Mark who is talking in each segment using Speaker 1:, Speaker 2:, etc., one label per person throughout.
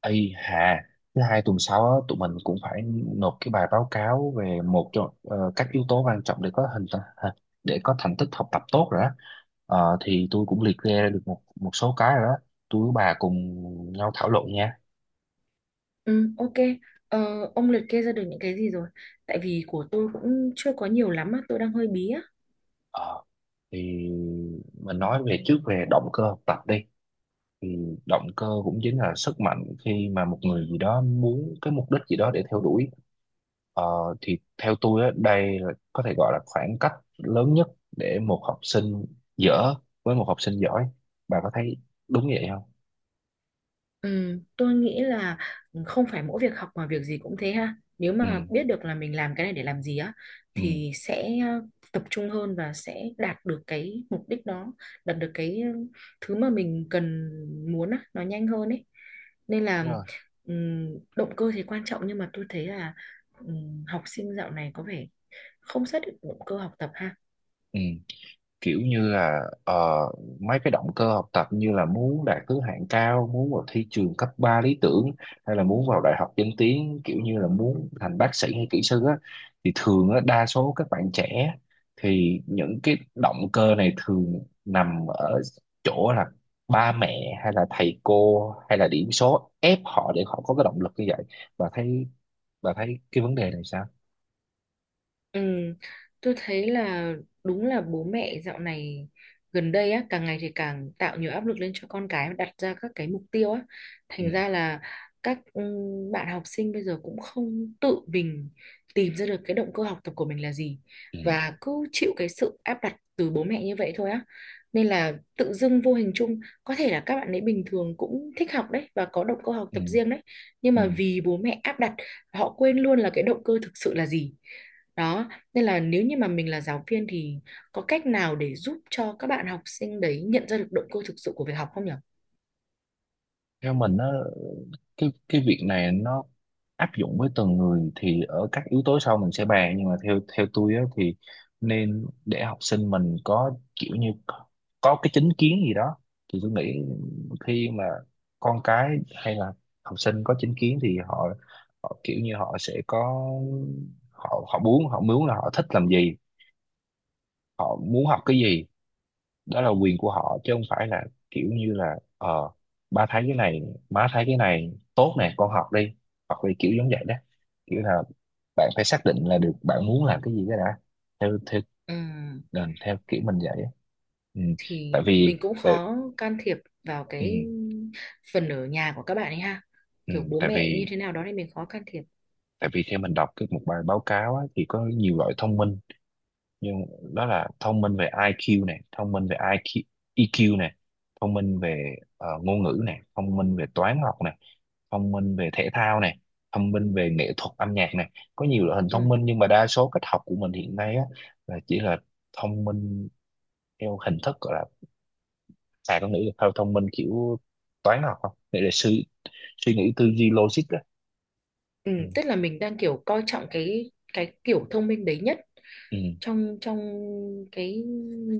Speaker 1: Ây hà, thứ hai tuần sau á, tụi mình cũng phải nộp cái bài báo cáo về một trong các yếu tố quan trọng để có thành tích học tập tốt rồi đó. Thì tôi cũng liệt kê ra được một một số cái rồi đó. Tôi với bà cùng nhau thảo luận nha.
Speaker 2: Ừ, ok. Ờ, ông liệt kê ra được những cái gì rồi? Tại vì của tôi cũng chưa có nhiều lắm á, tôi đang hơi bí á.
Speaker 1: Ờ, thì mình nói về trước về động cơ học tập đi. Thì động cơ cũng chính là sức mạnh khi mà một người gì đó muốn cái mục đích gì đó để theo đuổi. Ờ, thì theo tôi á, đây là có thể gọi là khoảng cách lớn nhất để một học sinh dở với một học sinh giỏi. Bà có thấy đúng vậy không?
Speaker 2: Ừ, tôi nghĩ là không phải mỗi việc học mà việc gì cũng thế ha. Nếu
Speaker 1: Ừ,
Speaker 2: mà biết được là mình làm cái này để làm gì á,
Speaker 1: ừ,
Speaker 2: thì sẽ tập trung hơn và sẽ đạt được cái mục đích đó, đạt được cái thứ mà mình cần muốn á, nó nhanh hơn ấy. Nên là
Speaker 1: đúng rồi.
Speaker 2: ừm, Động cơ thì quan trọng nhưng mà tôi thấy là học sinh dạo này có vẻ không xác định động cơ học tập ha.
Speaker 1: Ừ. Kiểu như là mấy cái động cơ học tập như là muốn đạt thứ hạng cao, muốn vào thi trường cấp 3 lý tưởng, hay là muốn vào đại học danh tiếng, kiểu như là muốn thành bác sĩ hay kỹ sư á, thì thường á, đa số các bạn trẻ thì những cái động cơ này thường nằm ở chỗ là ba mẹ hay là thầy cô hay là điểm số ép họ để họ có cái động lực như vậy. bà thấy bà thấy cái vấn đề này sao?
Speaker 2: Ừ, tôi thấy là đúng là bố mẹ dạo này gần đây á càng ngày thì càng tạo nhiều áp lực lên cho con cái đặt ra các cái mục tiêu á,
Speaker 1: Ừ,
Speaker 2: thành ra là các ừ, bạn học sinh bây giờ cũng không tự mình tìm ra được cái động cơ học tập của mình là gì,
Speaker 1: ừ,
Speaker 2: và cứ chịu cái sự áp đặt từ bố mẹ như vậy thôi á, nên là tự dưng vô hình chung có thể là các bạn ấy bình thường cũng thích học đấy và có động cơ học
Speaker 1: ừ,
Speaker 2: tập riêng đấy, nhưng
Speaker 1: ừ.
Speaker 2: mà vì bố mẹ áp đặt họ quên luôn là cái động cơ thực sự là gì đó, nên là nếu như mà mình là giáo viên thì có cách nào để giúp cho các bạn học sinh đấy nhận ra được động cơ thực sự của việc học không nhỉ?
Speaker 1: Theo mình á, cái việc này nó áp dụng với từng người thì ở các yếu tố sau mình sẽ bàn, nhưng mà theo theo tôi á, thì nên để học sinh mình có kiểu như có cái chính kiến gì đó. Thì tôi nghĩ khi mà con cái hay là học sinh có chính kiến thì họ kiểu như họ sẽ có, họ họ muốn là họ thích làm gì, họ muốn học cái gì, đó là quyền của họ chứ không phải là kiểu như là ba thấy cái này, má thấy cái này tốt nè con học đi, hoặc là kiểu giống vậy đó. Kiểu là bạn phải xác định là được bạn muốn làm cái gì cái đã. Theo theo
Speaker 2: Ừm,
Speaker 1: ờ, Theo kiểu mình vậy á. Ừ.
Speaker 2: thì
Speaker 1: tại vì
Speaker 2: mình cũng
Speaker 1: tại,
Speaker 2: khó can thiệp vào
Speaker 1: ừ,
Speaker 2: cái phần ở nhà của các bạn ấy ha.
Speaker 1: ừ,
Speaker 2: Kiểu bố
Speaker 1: tại
Speaker 2: mẹ như
Speaker 1: vì
Speaker 2: thế nào đó thì mình khó can thiệp.
Speaker 1: tại vì theo mình đọc cái một bài báo cáo á, thì có nhiều loại thông minh, nhưng đó là thông minh về IQ này, thông minh về IQ, EQ này, thông minh về ngôn ngữ này, thông minh về toán học này, thông minh về thể thao này, thông minh về nghệ thuật âm nhạc này. Có nhiều loại hình thông
Speaker 2: Ừm,
Speaker 1: minh nhưng mà đa số cách học của mình hiện nay á là chỉ là thông minh theo hình thức gọi là, à con nghĩ là theo thông minh kiểu toán học không, để suy suy nghĩ tư duy logic á. Ừ.
Speaker 2: Tức là mình đang kiểu coi trọng cái kiểu thông minh đấy nhất
Speaker 1: Ừ.
Speaker 2: trong trong cái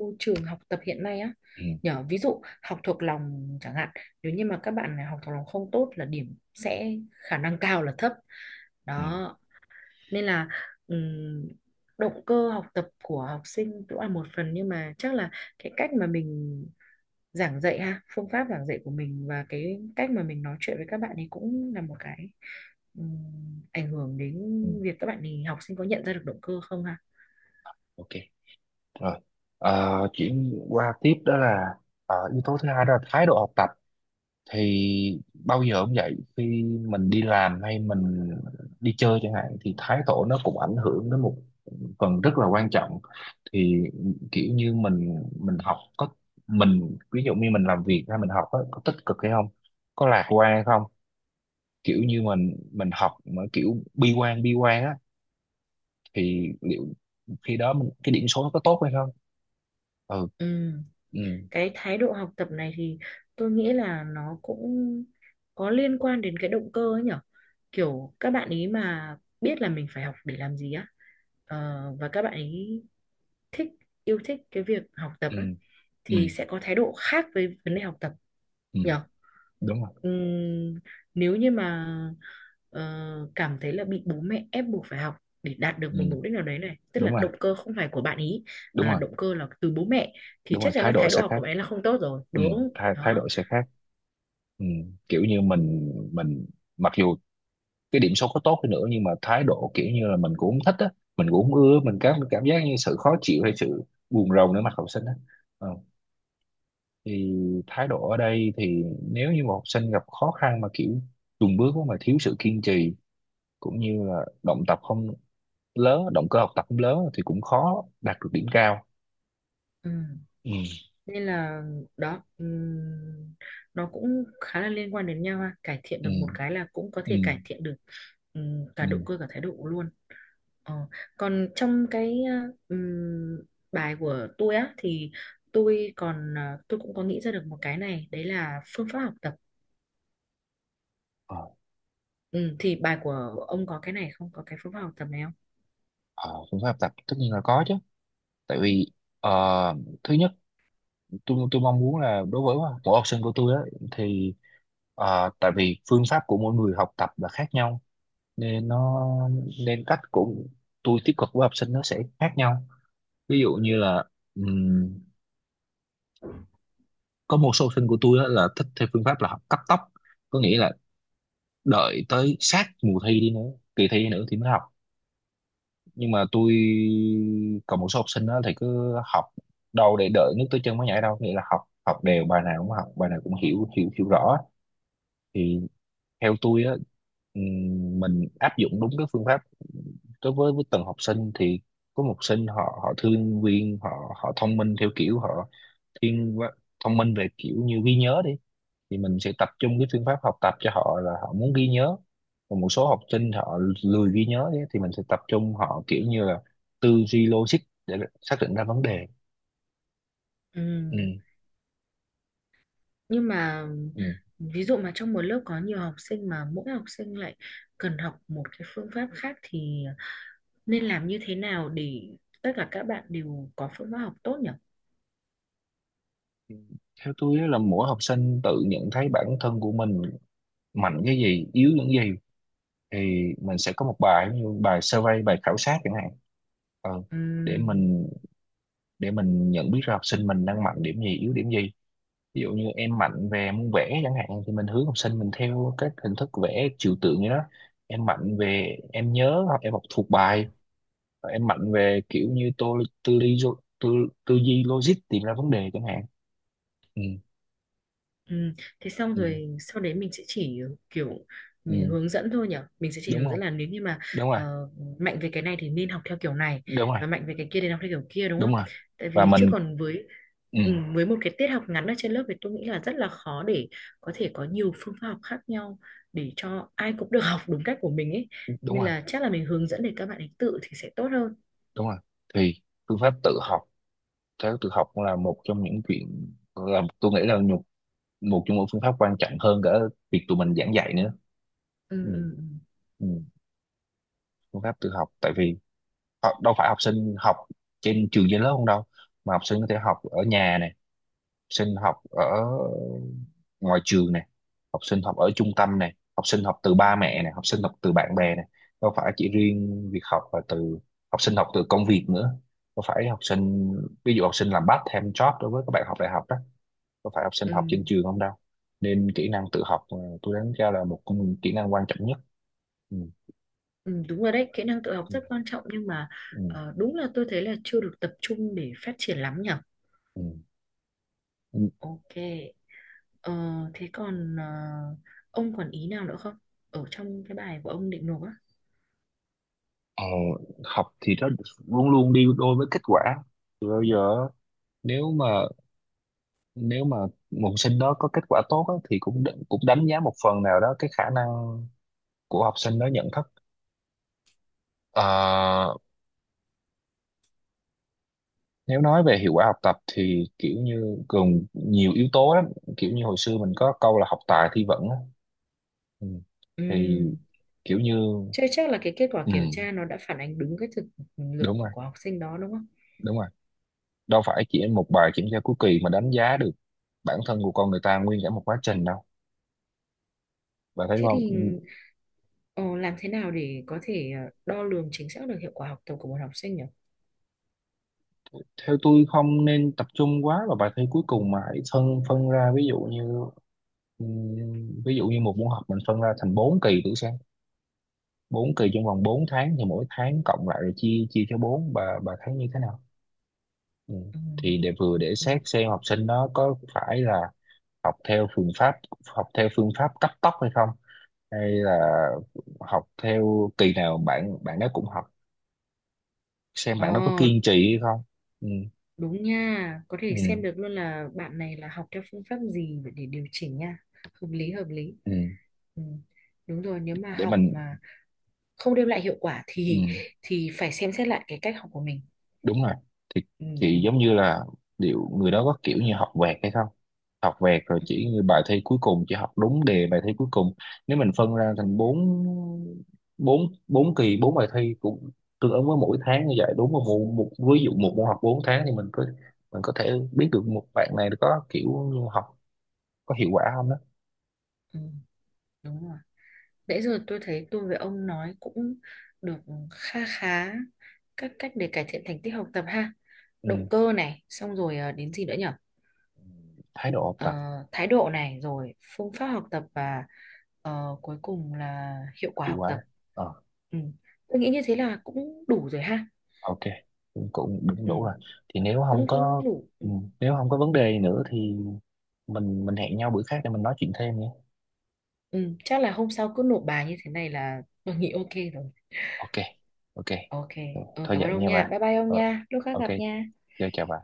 Speaker 2: môi trường học tập hiện nay á,
Speaker 1: Ừ.
Speaker 2: nhờ ví dụ học thuộc lòng chẳng hạn, nếu như mà các bạn này học thuộc lòng không tốt là điểm sẽ khả năng cao là thấp
Speaker 1: Ừ.
Speaker 2: đó. Nên là ừm, Động cơ học tập của học sinh cũng là một phần nhưng mà chắc là cái cách mà mình giảng dạy ha, phương pháp giảng dạy của mình và cái cách mà mình nói chuyện với các bạn ấy cũng là một cái ảnh hưởng đến
Speaker 1: Ừ.
Speaker 2: việc các bạn ấy học sinh có nhận ra được động cơ không ha.
Speaker 1: Ok. Rồi. Chuyển qua tiếp đó là yếu tố thứ hai đó là thái độ học tập. Thì bao giờ cũng vậy, khi mình đi làm hay mình đi chơi chẳng hạn thì thái độ nó cũng ảnh hưởng đến một phần rất là quan trọng. Thì kiểu như mình học có mình ví dụ như mình làm việc hay mình học á, có tích cực hay không, có lạc quan hay không. Kiểu như mình học mà kiểu bi quan, bi quan á, thì liệu khi đó mình cái điểm số nó có tốt hay không. Ừ.
Speaker 2: Ừ,
Speaker 1: Ừ.
Speaker 2: cái thái độ học tập này thì tôi nghĩ là nó cũng có liên quan đến cái động cơ ấy nhở, kiểu các bạn ý mà biết là mình phải học để làm gì á, ờ, và các bạn ý thích yêu thích cái việc học tập
Speaker 1: Ừ,
Speaker 2: á
Speaker 1: ừ,
Speaker 2: thì sẽ có thái độ khác với vấn đề học tập
Speaker 1: ừ,
Speaker 2: nhỉ.
Speaker 1: đúng rồi.
Speaker 2: Ừm, Nếu như mà ờ, cảm thấy là bị bố mẹ ép buộc phải học để đạt
Speaker 1: Ừ,
Speaker 2: được một mục đích nào đấy, này tức
Speaker 1: đúng
Speaker 2: là
Speaker 1: rồi,
Speaker 2: động cơ không phải của bạn ý mà
Speaker 1: đúng
Speaker 2: là
Speaker 1: rồi.
Speaker 2: động cơ là từ bố mẹ, thì
Speaker 1: Đúng rồi,
Speaker 2: chắc chắn
Speaker 1: thái
Speaker 2: là
Speaker 1: độ
Speaker 2: thái độ
Speaker 1: sẽ
Speaker 2: học của
Speaker 1: khác.
Speaker 2: bạn ấy là không tốt rồi
Speaker 1: Ừ.
Speaker 2: đúng
Speaker 1: thái thái
Speaker 2: đó.
Speaker 1: độ sẽ khác. Ừ. Kiểu như mình, mặc dù cái điểm số có tốt đi nữa nhưng mà thái độ kiểu như là mình cũng không thích á, mình cũng không ưa, mình cảm cảm giác như sự khó chịu hay sự buồn rầu nữa mặt học sinh á. Ờ, thì thái độ ở đây thì nếu như một học sinh gặp khó khăn mà kiểu chùn bước á, mà thiếu sự kiên trì cũng như là động cơ học tập không lớn thì cũng khó đạt được điểm cao.
Speaker 2: Ừm,
Speaker 1: Ừ.
Speaker 2: Nên là đó nó cũng khá là liên quan đến nhau ha, cải thiện
Speaker 1: Ừ.
Speaker 2: được một cái là cũng có
Speaker 1: Ừ.
Speaker 2: thể cải thiện được
Speaker 1: Ừ.
Speaker 2: cả động cơ cả thái độ luôn. Ờ, Còn trong cái ừm, bài của tôi á thì tôi còn tôi cũng có nghĩ ra được một cái này đấy là phương pháp học tập.
Speaker 1: ờ,
Speaker 2: Thì bài của ông có cái này không, có cái phương pháp học tập này không?
Speaker 1: ờ, Phương pháp tập tất nhiên là có chứ. Tại vì ờ, thứ nhất, tôi mong muốn là đối với mỗi học sinh của tôi á, thì tại vì phương pháp của mỗi người học tập là khác nhau, nên nó nên cách của tôi tiếp cận với học sinh nó sẽ khác nhau. Ví dụ như là ừm, có một số học sinh của tôi á là thích theo phương pháp là học cắt tóc, có nghĩa là đợi tới sát mùa thi đi nữa kỳ thi đi nữa thì mới học. Nhưng mà tôi, còn một số học sinh đó thì cứ học, đâu để đợi nước tới chân mới nhảy đâu, nghĩa là học học đều, bài nào cũng học, bài nào cũng hiểu hiểu hiểu rõ. Thì theo tôi á, mình áp dụng đúng cái phương pháp đối với từng học sinh thì có một học sinh họ họ thương viên họ họ thông minh theo kiểu họ thiên quá- thông minh về kiểu như ghi nhớ đi, thì mình sẽ tập trung cái phương pháp học tập cho họ là họ muốn ghi nhớ. Còn một số học sinh họ lười ghi nhớ ấy, thì mình sẽ tập trung họ kiểu như là tư duy logic để xác định ra vấn đề. Ừ.
Speaker 2: Ừm, nhưng mà
Speaker 1: Ừ.
Speaker 2: ví dụ mà trong một lớp có nhiều học sinh mà mỗi học sinh lại cần học một cái phương pháp khác thì nên làm như thế nào để tất cả các bạn đều có phương pháp học tốt
Speaker 1: Theo tôi á là mỗi học sinh tự nhận thấy bản thân của mình mạnh cái gì, yếu những gì, thì mình sẽ có một bài như bài survey, bài khảo sát chẳng hạn. Ờ, để
Speaker 2: nhỉ?
Speaker 1: mình, nhận biết ra học sinh mình đang mạnh điểm gì, yếu điểm gì. Ví dụ như em mạnh về môn vẽ chẳng hạn thì mình hướng học sinh mình theo các hình thức vẽ trừu tượng như đó, em mạnh về em nhớ hoặc em học thuộc bài, và em mạnh về kiểu như tô tư duy, tư, tư duy logic tìm ra vấn đề chẳng hạn. Ừ.
Speaker 2: Ừ. Thế xong
Speaker 1: Ừ,
Speaker 2: rồi sau đấy mình sẽ chỉ kiểu mình
Speaker 1: ừ,
Speaker 2: hướng dẫn thôi nhỉ, mình sẽ chỉ
Speaker 1: Đúng
Speaker 2: hướng
Speaker 1: rồi,
Speaker 2: dẫn là nếu như mà
Speaker 1: đúng rồi,
Speaker 2: ờ, mạnh về cái này thì nên học theo kiểu này
Speaker 1: đúng rồi,
Speaker 2: và mạnh về cái kia thì học theo kiểu kia đúng
Speaker 1: đúng
Speaker 2: không,
Speaker 1: rồi.
Speaker 2: tại
Speaker 1: Và
Speaker 2: vì chứ
Speaker 1: mình
Speaker 2: còn với
Speaker 1: Ừ,
Speaker 2: với một cái tiết học ngắn ở trên lớp thì tôi nghĩ là rất là khó để có thể có nhiều phương pháp học khác nhau để cho ai cũng được học đúng cách của mình ấy,
Speaker 1: đúng
Speaker 2: nên
Speaker 1: rồi,
Speaker 2: là chắc là mình hướng dẫn để các bạn ấy tự thì sẽ tốt hơn.
Speaker 1: đúng rồi. Thì phương pháp tự học, theo tự học cũng là một trong những chuyện là tôi nghĩ là một, một trong những phương pháp quan trọng hơn cả việc tụi mình giảng dạy nữa.
Speaker 2: ừ,
Speaker 1: Ừ.
Speaker 2: ừ, ừ.
Speaker 1: Ừ. Phương pháp tự học, tại vì đâu phải học sinh học trên trường, trên lớp không đâu, mà học sinh có thể học ở nhà này, sinh học ở ngoài trường này, học sinh học ở trung tâm này, học sinh học từ ba mẹ này, học sinh học từ bạn bè này, đâu phải chỉ riêng việc học là từ, học sinh học từ công việc nữa, đâu phải học sinh, ví dụ học sinh làm part time job đối với các bạn học đại học đó, đâu phải học sinh
Speaker 2: Ừ.
Speaker 1: học trên trường không đâu. Nên kỹ năng tự học, tôi đánh giá là một trong những kỹ năng quan trọng nhất. Ừ.
Speaker 2: Ừ, đúng rồi đấy, kỹ năng tự học
Speaker 1: Ừ.
Speaker 2: rất quan trọng nhưng mà
Speaker 1: Ừ.
Speaker 2: đúng là tôi thấy là chưa được tập trung để phát triển lắm nhở.
Speaker 1: Ừ. Ừ.
Speaker 2: Ok, ờ, thế còn ông còn ý nào nữa không? Ở trong cái bài của ông định nộp á.
Speaker 1: Ờ, học thì nó luôn luôn đi đôi với kết quả từ bao giờ. nếu mà Nếu mà một học sinh đó có kết quả tốt á, thì cũng cũng đánh giá một phần nào đó cái khả năng của học sinh đó nhận thức. Ờ, nếu nói về hiệu quả học tập thì kiểu như gồm nhiều yếu tố lắm, kiểu như hồi xưa mình có câu là học tài thi vững á. Ừ. Thì
Speaker 2: Ừm,
Speaker 1: kiểu như,
Speaker 2: Thế chắc là cái kết quả
Speaker 1: ừ,
Speaker 2: kiểm tra nó đã phản ánh đúng cái thực lực
Speaker 1: đúng rồi,
Speaker 2: của học sinh đó đúng không?
Speaker 1: đúng rồi. Đâu phải chỉ một bài kiểm tra cuối kỳ mà đánh giá được bản thân của con người ta nguyên cả một quá trình đâu, bạn thấy
Speaker 2: Thế
Speaker 1: không?
Speaker 2: thì
Speaker 1: Ừ,
Speaker 2: ờ, làm thế nào để có thể đo lường chính xác được hiệu quả học tập của một học sinh nhỉ?
Speaker 1: theo tôi không nên tập trung quá vào bài thi cuối cùng mà hãy phân phân ra, ví dụ như, ừ, ví dụ như một môn học mình phân ra thành 4 kỳ buổi sáng, bốn kỳ trong vòng 4 tháng, thì mỗi tháng cộng lại rồi chia chia cho bốn. Bà thấy như thế nào? Ừ.
Speaker 2: Ừ.
Speaker 1: Thì để vừa để xét xem học sinh nó có phải là học theo phương pháp học theo phương pháp cấp tốc hay không, hay là học theo kỳ nào bạn bạn đó cũng học, xem bạn đó có
Speaker 2: Ừ.
Speaker 1: kiên trì hay không. Ừ.
Speaker 2: Đúng nha, có thể xem
Speaker 1: Ừ.
Speaker 2: được luôn là bạn này là học theo phương pháp gì để điều chỉnh nha. Hợp lý, hợp lý.
Speaker 1: Ừ.
Speaker 2: Ừ. Đúng rồi, nếu mà
Speaker 1: để
Speaker 2: học
Speaker 1: mình
Speaker 2: mà không đem lại hiệu quả
Speaker 1: Ừ,
Speaker 2: thì phải xem xét lại cái cách học của mình.
Speaker 1: đúng rồi. thì
Speaker 2: Ừ, ừ,
Speaker 1: thì giống như là liệu người đó có kiểu như học vẹt hay không, học vẹt rồi
Speaker 2: ừ,
Speaker 1: chỉ như bài thi cuối cùng chỉ học đúng đề bài thi cuối cùng. Nếu mình phân ra thành bốn bốn bốn kỳ, bốn bài thi cũng tương ứng với mỗi tháng như vậy, đúng không? Một ví dụ một môn học bốn tháng thì mình có, mình có thể biết được một bạn này có kiểu như học có hiệu quả không đó.
Speaker 2: ừ, đúng rồi. Nãy giờ tôi thấy tôi với ông nói cũng được kha khá các cách để cải thiện thành tích học tập ha.
Speaker 1: Ừ.
Speaker 2: Động cơ này, xong rồi đến gì nữa nhỉ?
Speaker 1: Thái độ học
Speaker 2: ờ,
Speaker 1: tập.
Speaker 2: Thái độ này rồi phương pháp học tập và cuối cùng là hiệu quả
Speaker 1: Hiệu
Speaker 2: học
Speaker 1: quả.
Speaker 2: tập.
Speaker 1: Ờ.
Speaker 2: Ừ. Tôi nghĩ như thế là cũng đủ rồi ha.
Speaker 1: Ok. cũng Cũng
Speaker 2: Ừ.
Speaker 1: đủ rồi. Thì nếu không
Speaker 2: cũng
Speaker 1: có,
Speaker 2: Cũng đủ. Ừ.
Speaker 1: ừ, nếu không có vấn đề gì nữa thì mình hẹn nhau bữa khác để mình nói chuyện thêm nhé.
Speaker 2: Ừ. Chắc là hôm sau cứ nộp bài như thế này là tôi nghĩ ok rồi.
Speaker 1: Ok. Ok.
Speaker 2: Ok. Ừ,
Speaker 1: Thôi
Speaker 2: cảm ơn
Speaker 1: vậy
Speaker 2: ông
Speaker 1: nha
Speaker 2: nha,
Speaker 1: bà.
Speaker 2: bye bye ông
Speaker 1: Ờ.
Speaker 2: nha, lúc khác
Speaker 1: Ok.
Speaker 2: gặp nha.
Speaker 1: Chào chào bà.